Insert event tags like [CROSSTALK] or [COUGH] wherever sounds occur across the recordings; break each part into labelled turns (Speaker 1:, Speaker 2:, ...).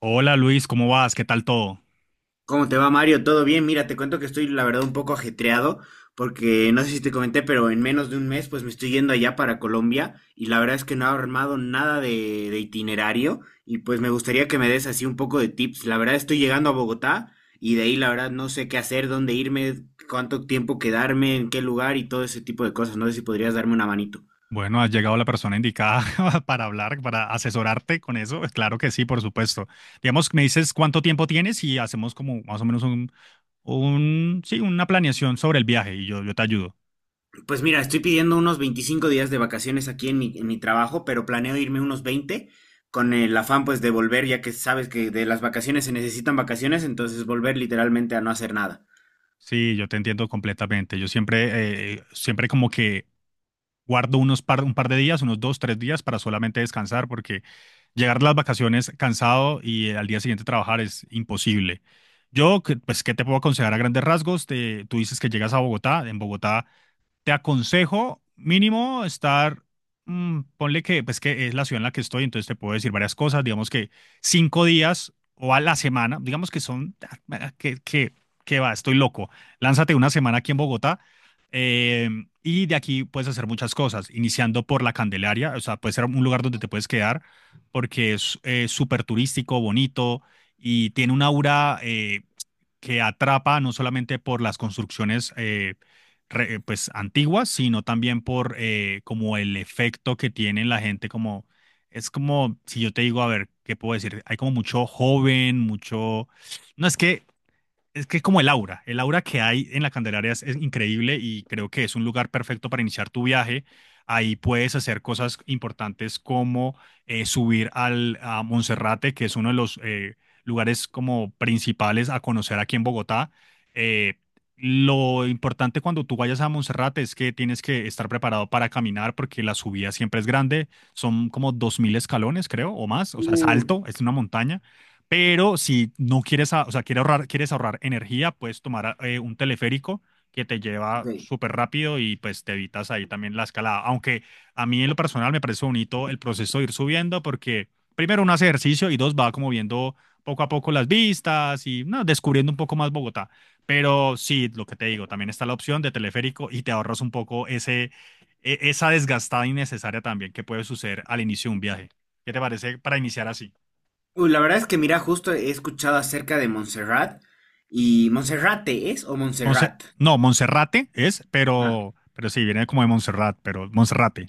Speaker 1: Hola Luis, ¿cómo vas? ¿Qué tal todo?
Speaker 2: ¿Cómo te va, Mario? ¿Todo bien? Mira, te cuento que estoy, la verdad, un poco ajetreado porque no sé si te comenté, pero en menos de un mes pues me estoy yendo allá para Colombia y la verdad es que no he armado nada de itinerario y pues me gustaría que me des así un poco de tips. La verdad estoy llegando a Bogotá y de ahí la verdad no sé qué hacer, dónde irme, cuánto tiempo quedarme, en qué lugar y todo ese tipo de cosas. No sé si podrías darme una manito.
Speaker 1: Bueno, has llegado la persona indicada [LAUGHS] para hablar, para asesorarte con eso. Pues claro que sí, por supuesto. Digamos, me dices cuánto tiempo tienes y hacemos como más o menos sí, una planeación sobre el viaje y yo te ayudo.
Speaker 2: Pues mira, estoy pidiendo unos 25 días de vacaciones aquí en mi trabajo, pero planeo irme unos 20 con el afán pues de volver, ya que sabes que de las vacaciones se necesitan vacaciones, entonces volver literalmente a no hacer nada.
Speaker 1: Sí, yo te entiendo completamente. Yo siempre, siempre como que guardo un par de días, unos dos, tres días para solamente descansar, porque llegar a las vacaciones cansado y al día siguiente trabajar es imposible. Pues, ¿qué te puedo aconsejar a grandes rasgos? Tú dices que llegas a Bogotá. En Bogotá te aconsejo mínimo estar, ponle que, pues que es la ciudad en la que estoy, entonces te puedo decir varias cosas, digamos que cinco días o a la semana, digamos que son, que va, estoy loco, lánzate una semana aquí en Bogotá. eh, y de aquí puedes hacer muchas cosas, iniciando por la Candelaria, o sea, puede ser un lugar donde te puedes quedar porque es súper turístico, bonito y tiene un aura, que atrapa no solamente por las construcciones pues antiguas, sino también por como el efecto que tiene en la gente, como es como si yo te digo, a ver, ¿qué puedo decir? Hay como mucho joven, mucho, no es que es que es como el aura que hay en la Candelaria es increíble y creo que es un lugar perfecto para iniciar tu viaje. Ahí puedes hacer cosas importantes como subir a Monserrate, que es uno de los lugares como principales a conocer aquí en Bogotá. Eh, lo importante cuando tú vayas a Monserrate es que tienes que estar preparado para caminar porque la subida siempre es grande, son como 2.000 escalones, creo, o más, o sea, es
Speaker 2: Uy,
Speaker 1: alto, es una montaña, pero si no quieres, o sea, quieres ahorrar energía, puedes tomar un teleférico que te
Speaker 2: ok.
Speaker 1: lleva súper rápido y pues te evitas ahí también la escalada. Aunque a mí en lo personal me parece bonito el proceso de ir subiendo porque primero uno hace ejercicio y dos va como viendo poco a poco las vistas y no, descubriendo un poco más Bogotá. Pero sí, lo que te digo, también está la opción de teleférico y te ahorras un poco esa desgastada innecesaria también que puede suceder al inicio de un viaje. ¿Qué te parece para iniciar así?
Speaker 2: Uy, la verdad es que mira, justo he escuchado acerca de Montserrat y Monserrate es o
Speaker 1: Monse-
Speaker 2: Montserrat.
Speaker 1: no, Monserrate es, pero sí, viene como de Montserrat, pero Monserrate.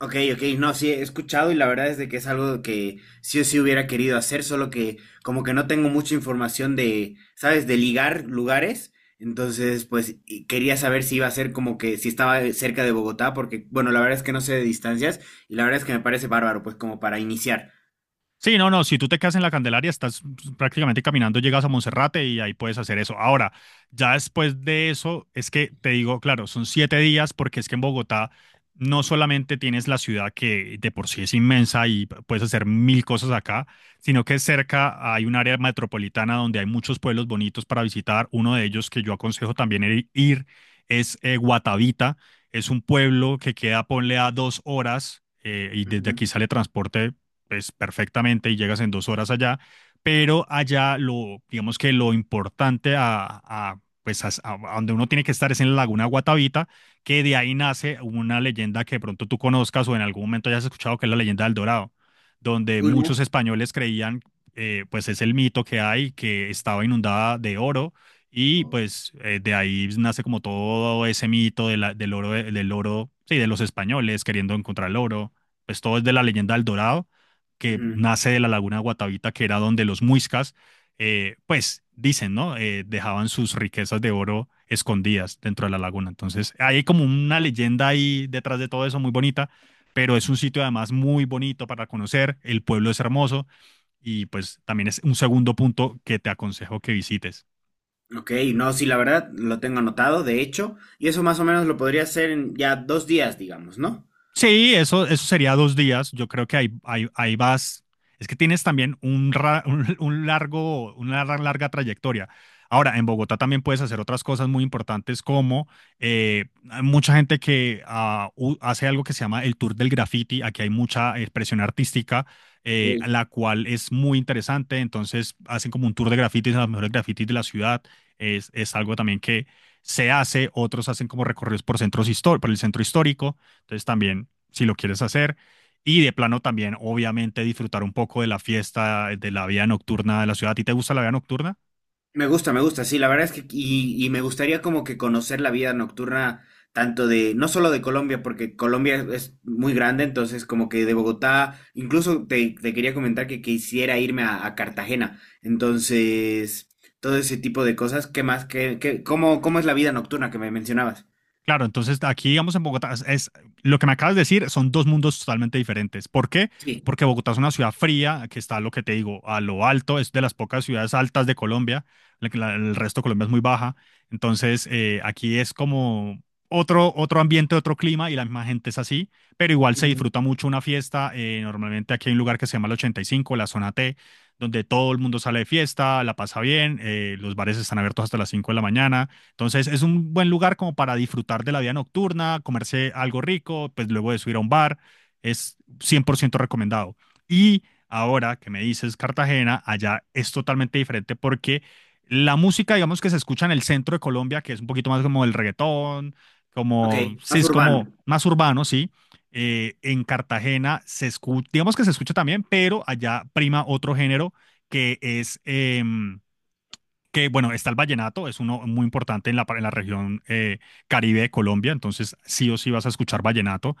Speaker 2: Ok, ok, no, sí, he escuchado y la verdad es de que es algo que sí o sí hubiera querido hacer, solo que como que no tengo mucha información de, ¿sabes?, de ligar lugares, entonces pues y quería saber si iba a ser como que si estaba cerca de Bogotá, porque bueno, la verdad es que no sé de distancias y la verdad es que me parece bárbaro, pues como para iniciar.
Speaker 1: Sí, no, no, si tú te quedas en la Candelaria, estás pues, prácticamente caminando, llegas a Monserrate y ahí puedes hacer eso. Ahora, ya después de eso, es que te digo, claro, son siete días porque es que en Bogotá no solamente tienes la ciudad que de por sí es inmensa y puedes hacer mil cosas acá, sino que cerca hay un área metropolitana donde hay muchos pueblos bonitos para visitar. Uno de ellos que yo aconsejo también ir es Guatavita. Es un pueblo que queda, ponle a dos horas y desde aquí
Speaker 2: Ujú.
Speaker 1: sale transporte pues perfectamente y llegas en dos horas allá, pero allá lo, digamos que lo importante a pues a donde uno tiene que estar es en la Laguna Guatavita, que de ahí nace una leyenda que de pronto tú conozcas o en algún momento hayas escuchado, que es la leyenda del Dorado, donde
Speaker 2: Uy,
Speaker 1: muchos
Speaker 2: no.
Speaker 1: españoles creían, pues es el mito que hay, que estaba inundada de oro. Y
Speaker 2: No.
Speaker 1: pues de ahí nace como todo ese mito de del oro, sí, de los españoles queriendo encontrar el oro. Pues todo es de la leyenda del Dorado que
Speaker 2: Ujú.
Speaker 1: nace de la laguna de Guatavita, que era donde los muiscas, pues dicen, ¿no? Dejaban sus riquezas de oro escondidas dentro de la laguna. Entonces, hay como una leyenda ahí detrás de todo eso muy bonita, pero es un sitio además muy bonito para conocer, el pueblo es hermoso y pues también es un segundo punto que te aconsejo que visites.
Speaker 2: Ok, no, sí, la verdad lo tengo anotado, de hecho, y eso más o menos lo podría hacer en ya dos días, digamos, ¿no?
Speaker 1: Sí, eso sería dos días. Yo creo que ahí vas. Es que tienes también un largo, larga trayectoria. Ahora, en Bogotá también puedes hacer otras cosas muy importantes como eh, hay mucha gente que hace algo que se llama el tour del graffiti. Aquí hay mucha expresión artística,
Speaker 2: Ok.
Speaker 1: la cual es muy interesante. Entonces, hacen como un tour de grafitis, a los mejores grafitis de la ciudad. Es algo también que se hace. Otros hacen como recorridos por por el centro histórico. Entonces también, si lo quieres hacer, y de plano también, obviamente, disfrutar un poco de la fiesta, de la vida nocturna de la ciudad. ¿A ti te gusta la vida nocturna?
Speaker 2: Me gusta, sí, la verdad es que y me gustaría como que conocer la vida nocturna tanto de, no solo de Colombia, porque Colombia es muy grande, entonces como que de Bogotá, incluso te, te quería comentar que quisiera irme a Cartagena, entonces todo ese tipo de cosas, ¿qué más? ¿Qué, qué, cómo, cómo es la vida nocturna que me mencionabas?
Speaker 1: Claro, entonces aquí, digamos, en Bogotá, lo que me acabas de decir, son dos mundos totalmente diferentes. ¿Por qué?
Speaker 2: Sí.
Speaker 1: Porque Bogotá es una ciudad fría, que está lo que te digo, a lo alto, es de las pocas ciudades altas de Colombia, la que el resto de Colombia es muy baja. Entonces, aquí es como otro ambiente, otro clima, y la misma gente es así, pero igual se
Speaker 2: Ujú.
Speaker 1: disfruta mucho una fiesta. Normalmente aquí hay un lugar que se llama el 85, la zona T, donde todo el mundo sale de fiesta, la pasa bien, los bares están abiertos hasta las 5 de la mañana, entonces es un buen lugar como para disfrutar de la vida nocturna, comerse algo rico, pues luego de subir a un bar, es 100% recomendado. Y ahora que me dices Cartagena, allá es totalmente diferente porque la música, digamos que se escucha en el centro de Colombia, que es un poquito más como el reggaetón,
Speaker 2: Ok,
Speaker 1: como, sí,
Speaker 2: más
Speaker 1: es
Speaker 2: urbano,
Speaker 1: como más urbano, sí. En Cartagena se escucha, digamos que se escucha también, pero allá prima otro género que que bueno, está el vallenato, es uno muy importante en en la región Caribe de Colombia, entonces sí o sí vas a escuchar vallenato.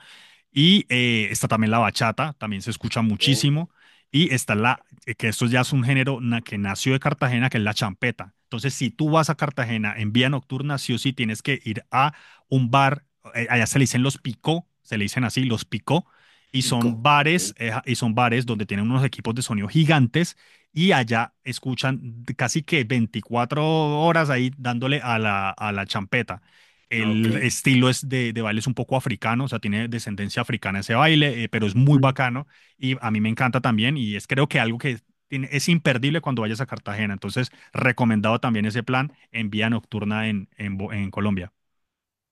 Speaker 1: Y está también la bachata, también se escucha muchísimo. Y está que esto ya es un que nació de Cartagena, que es la champeta. Entonces, si tú vas a Cartagena en vía nocturna, sí o sí tienes que ir a un bar, allá se le dicen los picó, se le dicen así, los picó,
Speaker 2: pico.
Speaker 1: y son bares donde tienen unos equipos de sonido gigantes, y allá escuchan casi que 24 horas ahí dándole a a la champeta.
Speaker 2: Ok,
Speaker 1: El estilo es de baile es un poco africano, o sea, tiene descendencia africana ese baile, pero es muy
Speaker 2: ok.
Speaker 1: bacano y a mí me encanta también y es creo que algo que es imperdible cuando vayas a Cartagena. Entonces, recomendado también ese plan en vía nocturna en Colombia.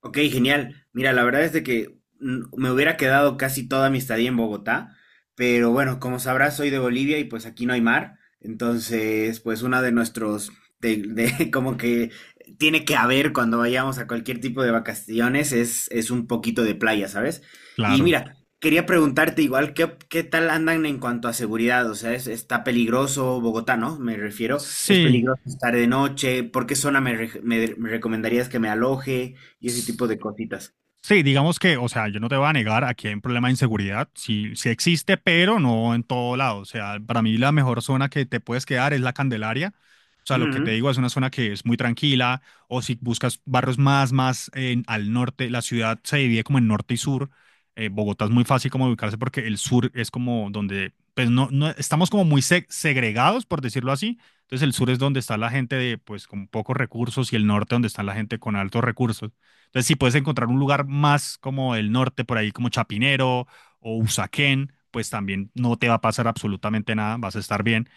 Speaker 2: Ok, genial. Mira, la verdad es de que me hubiera quedado casi toda mi estadía en Bogotá, pero bueno, como sabrás, soy de Bolivia y pues aquí no hay mar, entonces pues una de nuestros, [LAUGHS] como que tiene que haber cuando vayamos a cualquier tipo de vacaciones es un poquito de playa, ¿sabes? Y
Speaker 1: Claro.
Speaker 2: mira, quería preguntarte igual, ¿qué, qué tal andan en cuanto a seguridad? O sea, es- está peligroso Bogotá, ¿no? Me refiero, es
Speaker 1: Sí.
Speaker 2: peligroso estar de noche, ¿por qué zona me re- me- me recomendarías que me aloje? Y ese tipo de cositas.
Speaker 1: Sí, digamos que, o sea, yo no te voy a negar, aquí hay un problema de inseguridad, sí, sí existe, pero no en todo lado. O sea, para mí la mejor zona que te puedes quedar es la Candelaria. O sea, lo que te
Speaker 2: Ujú.
Speaker 1: digo es una zona que es muy tranquila, o si buscas barrios más, al norte, la ciudad se divide como en norte y sur. Bogotá es muy fácil como ubicarse porque el sur es como donde, pues no, no estamos como muy segregados, por decirlo así. Entonces el sur es donde está la gente de, pues, con pocos recursos y el norte donde está la gente con altos recursos. Entonces, si puedes encontrar un lugar más como el norte, por ahí como Chapinero o Usaquén, pues también no te va a pasar absolutamente nada, vas a estar bien,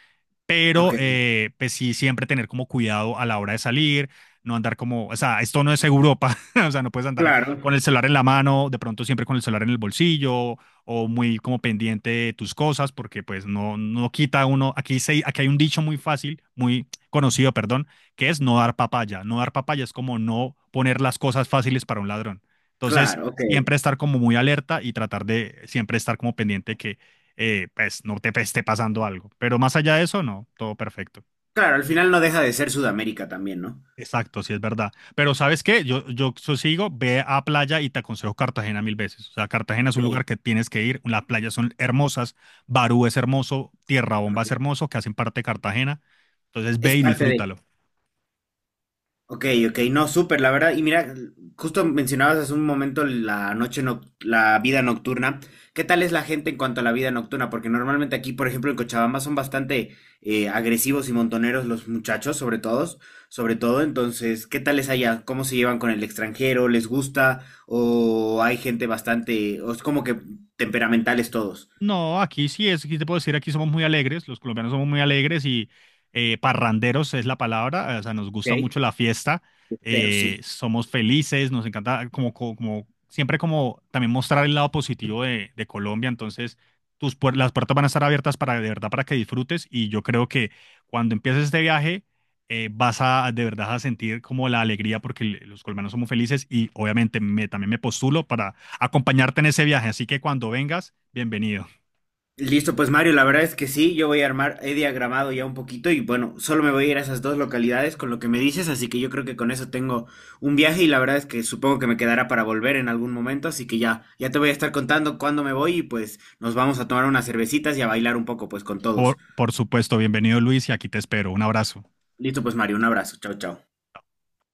Speaker 1: pero
Speaker 2: Ok,
Speaker 1: pues sí, siempre tener como cuidado a la hora de salir, no andar como, o sea, esto no es Europa, [LAUGHS] o sea, no puedes andar
Speaker 2: claro,
Speaker 1: con el celular en la mano, de pronto siempre con el celular en el bolsillo o muy como pendiente de tus cosas, porque pues no, no quita uno, aquí hay un dicho muy fácil, muy conocido, perdón, que es no dar papaya, no dar papaya es como no poner las cosas fáciles para un ladrón. Entonces,
Speaker 2: claro, ok.
Speaker 1: siempre estar como muy alerta y tratar de siempre estar como pendiente que pues no te pues, esté pasando algo. Pero más allá de eso, no, todo perfecto.
Speaker 2: Claro, al final no deja de ser Sudamérica también, ¿no?
Speaker 1: Exacto, sí es verdad. Pero ¿sabes qué? Yo sigo, ve a playa y te aconsejo Cartagena mil veces. O sea, Cartagena es un
Speaker 2: Ok,
Speaker 1: lugar que tienes que ir. Las playas son hermosas, Barú es hermoso, Tierra Bomba es
Speaker 2: ok.
Speaker 1: hermoso, que hacen parte de Cartagena. Entonces
Speaker 2: Es
Speaker 1: ve y
Speaker 2: parte de...
Speaker 1: disfrútalo.
Speaker 2: Ok, ok, no, súper, la verdad. Y mira, justo mencionabas hace un momento la noche, noc- la vida nocturna. ¿Qué tal es la gente en cuanto a la vida nocturna? Porque normalmente aquí, por ejemplo, en Cochabamba son bastante agresivos y montoneros los muchachos, sobre todos, sobre todo. Entonces, ¿qué tal es allá? ¿Cómo se llevan con el extranjero? ¿Les gusta? ¿O hay gente bastante, o es como que temperamentales todos?
Speaker 1: No, aquí sí es, aquí te puedo decir, aquí somos muy alegres, los colombianos somos muy alegres y parranderos es la palabra, o sea, nos gusta
Speaker 2: Ok.
Speaker 1: mucho la fiesta,
Speaker 2: Pero sí.
Speaker 1: somos felices, nos encanta siempre como también mostrar el lado positivo de Colombia, entonces las puertas van a estar abiertas para de verdad para que disfrutes y yo creo que cuando empieces este viaje vas a de verdad a sentir como la alegría porque los colombianos somos felices y obviamente también me postulo para acompañarte en ese viaje, así que cuando vengas... Bienvenido.
Speaker 2: Listo, pues Mario, la verdad es que sí, yo voy a armar, he diagramado ya un poquito y bueno, solo me voy a ir a esas dos localidades con lo que me dices, así que yo creo que con eso tengo un viaje y la verdad es que supongo que me quedará para volver en algún momento, así que ya, ya te voy a estar contando cuándo me voy y pues nos vamos a tomar unas cervecitas y a bailar un poco pues con todos.
Speaker 1: Por supuesto, bienvenido Luis y aquí te espero. Un abrazo.
Speaker 2: Listo, pues Mario, un abrazo, chao, chao.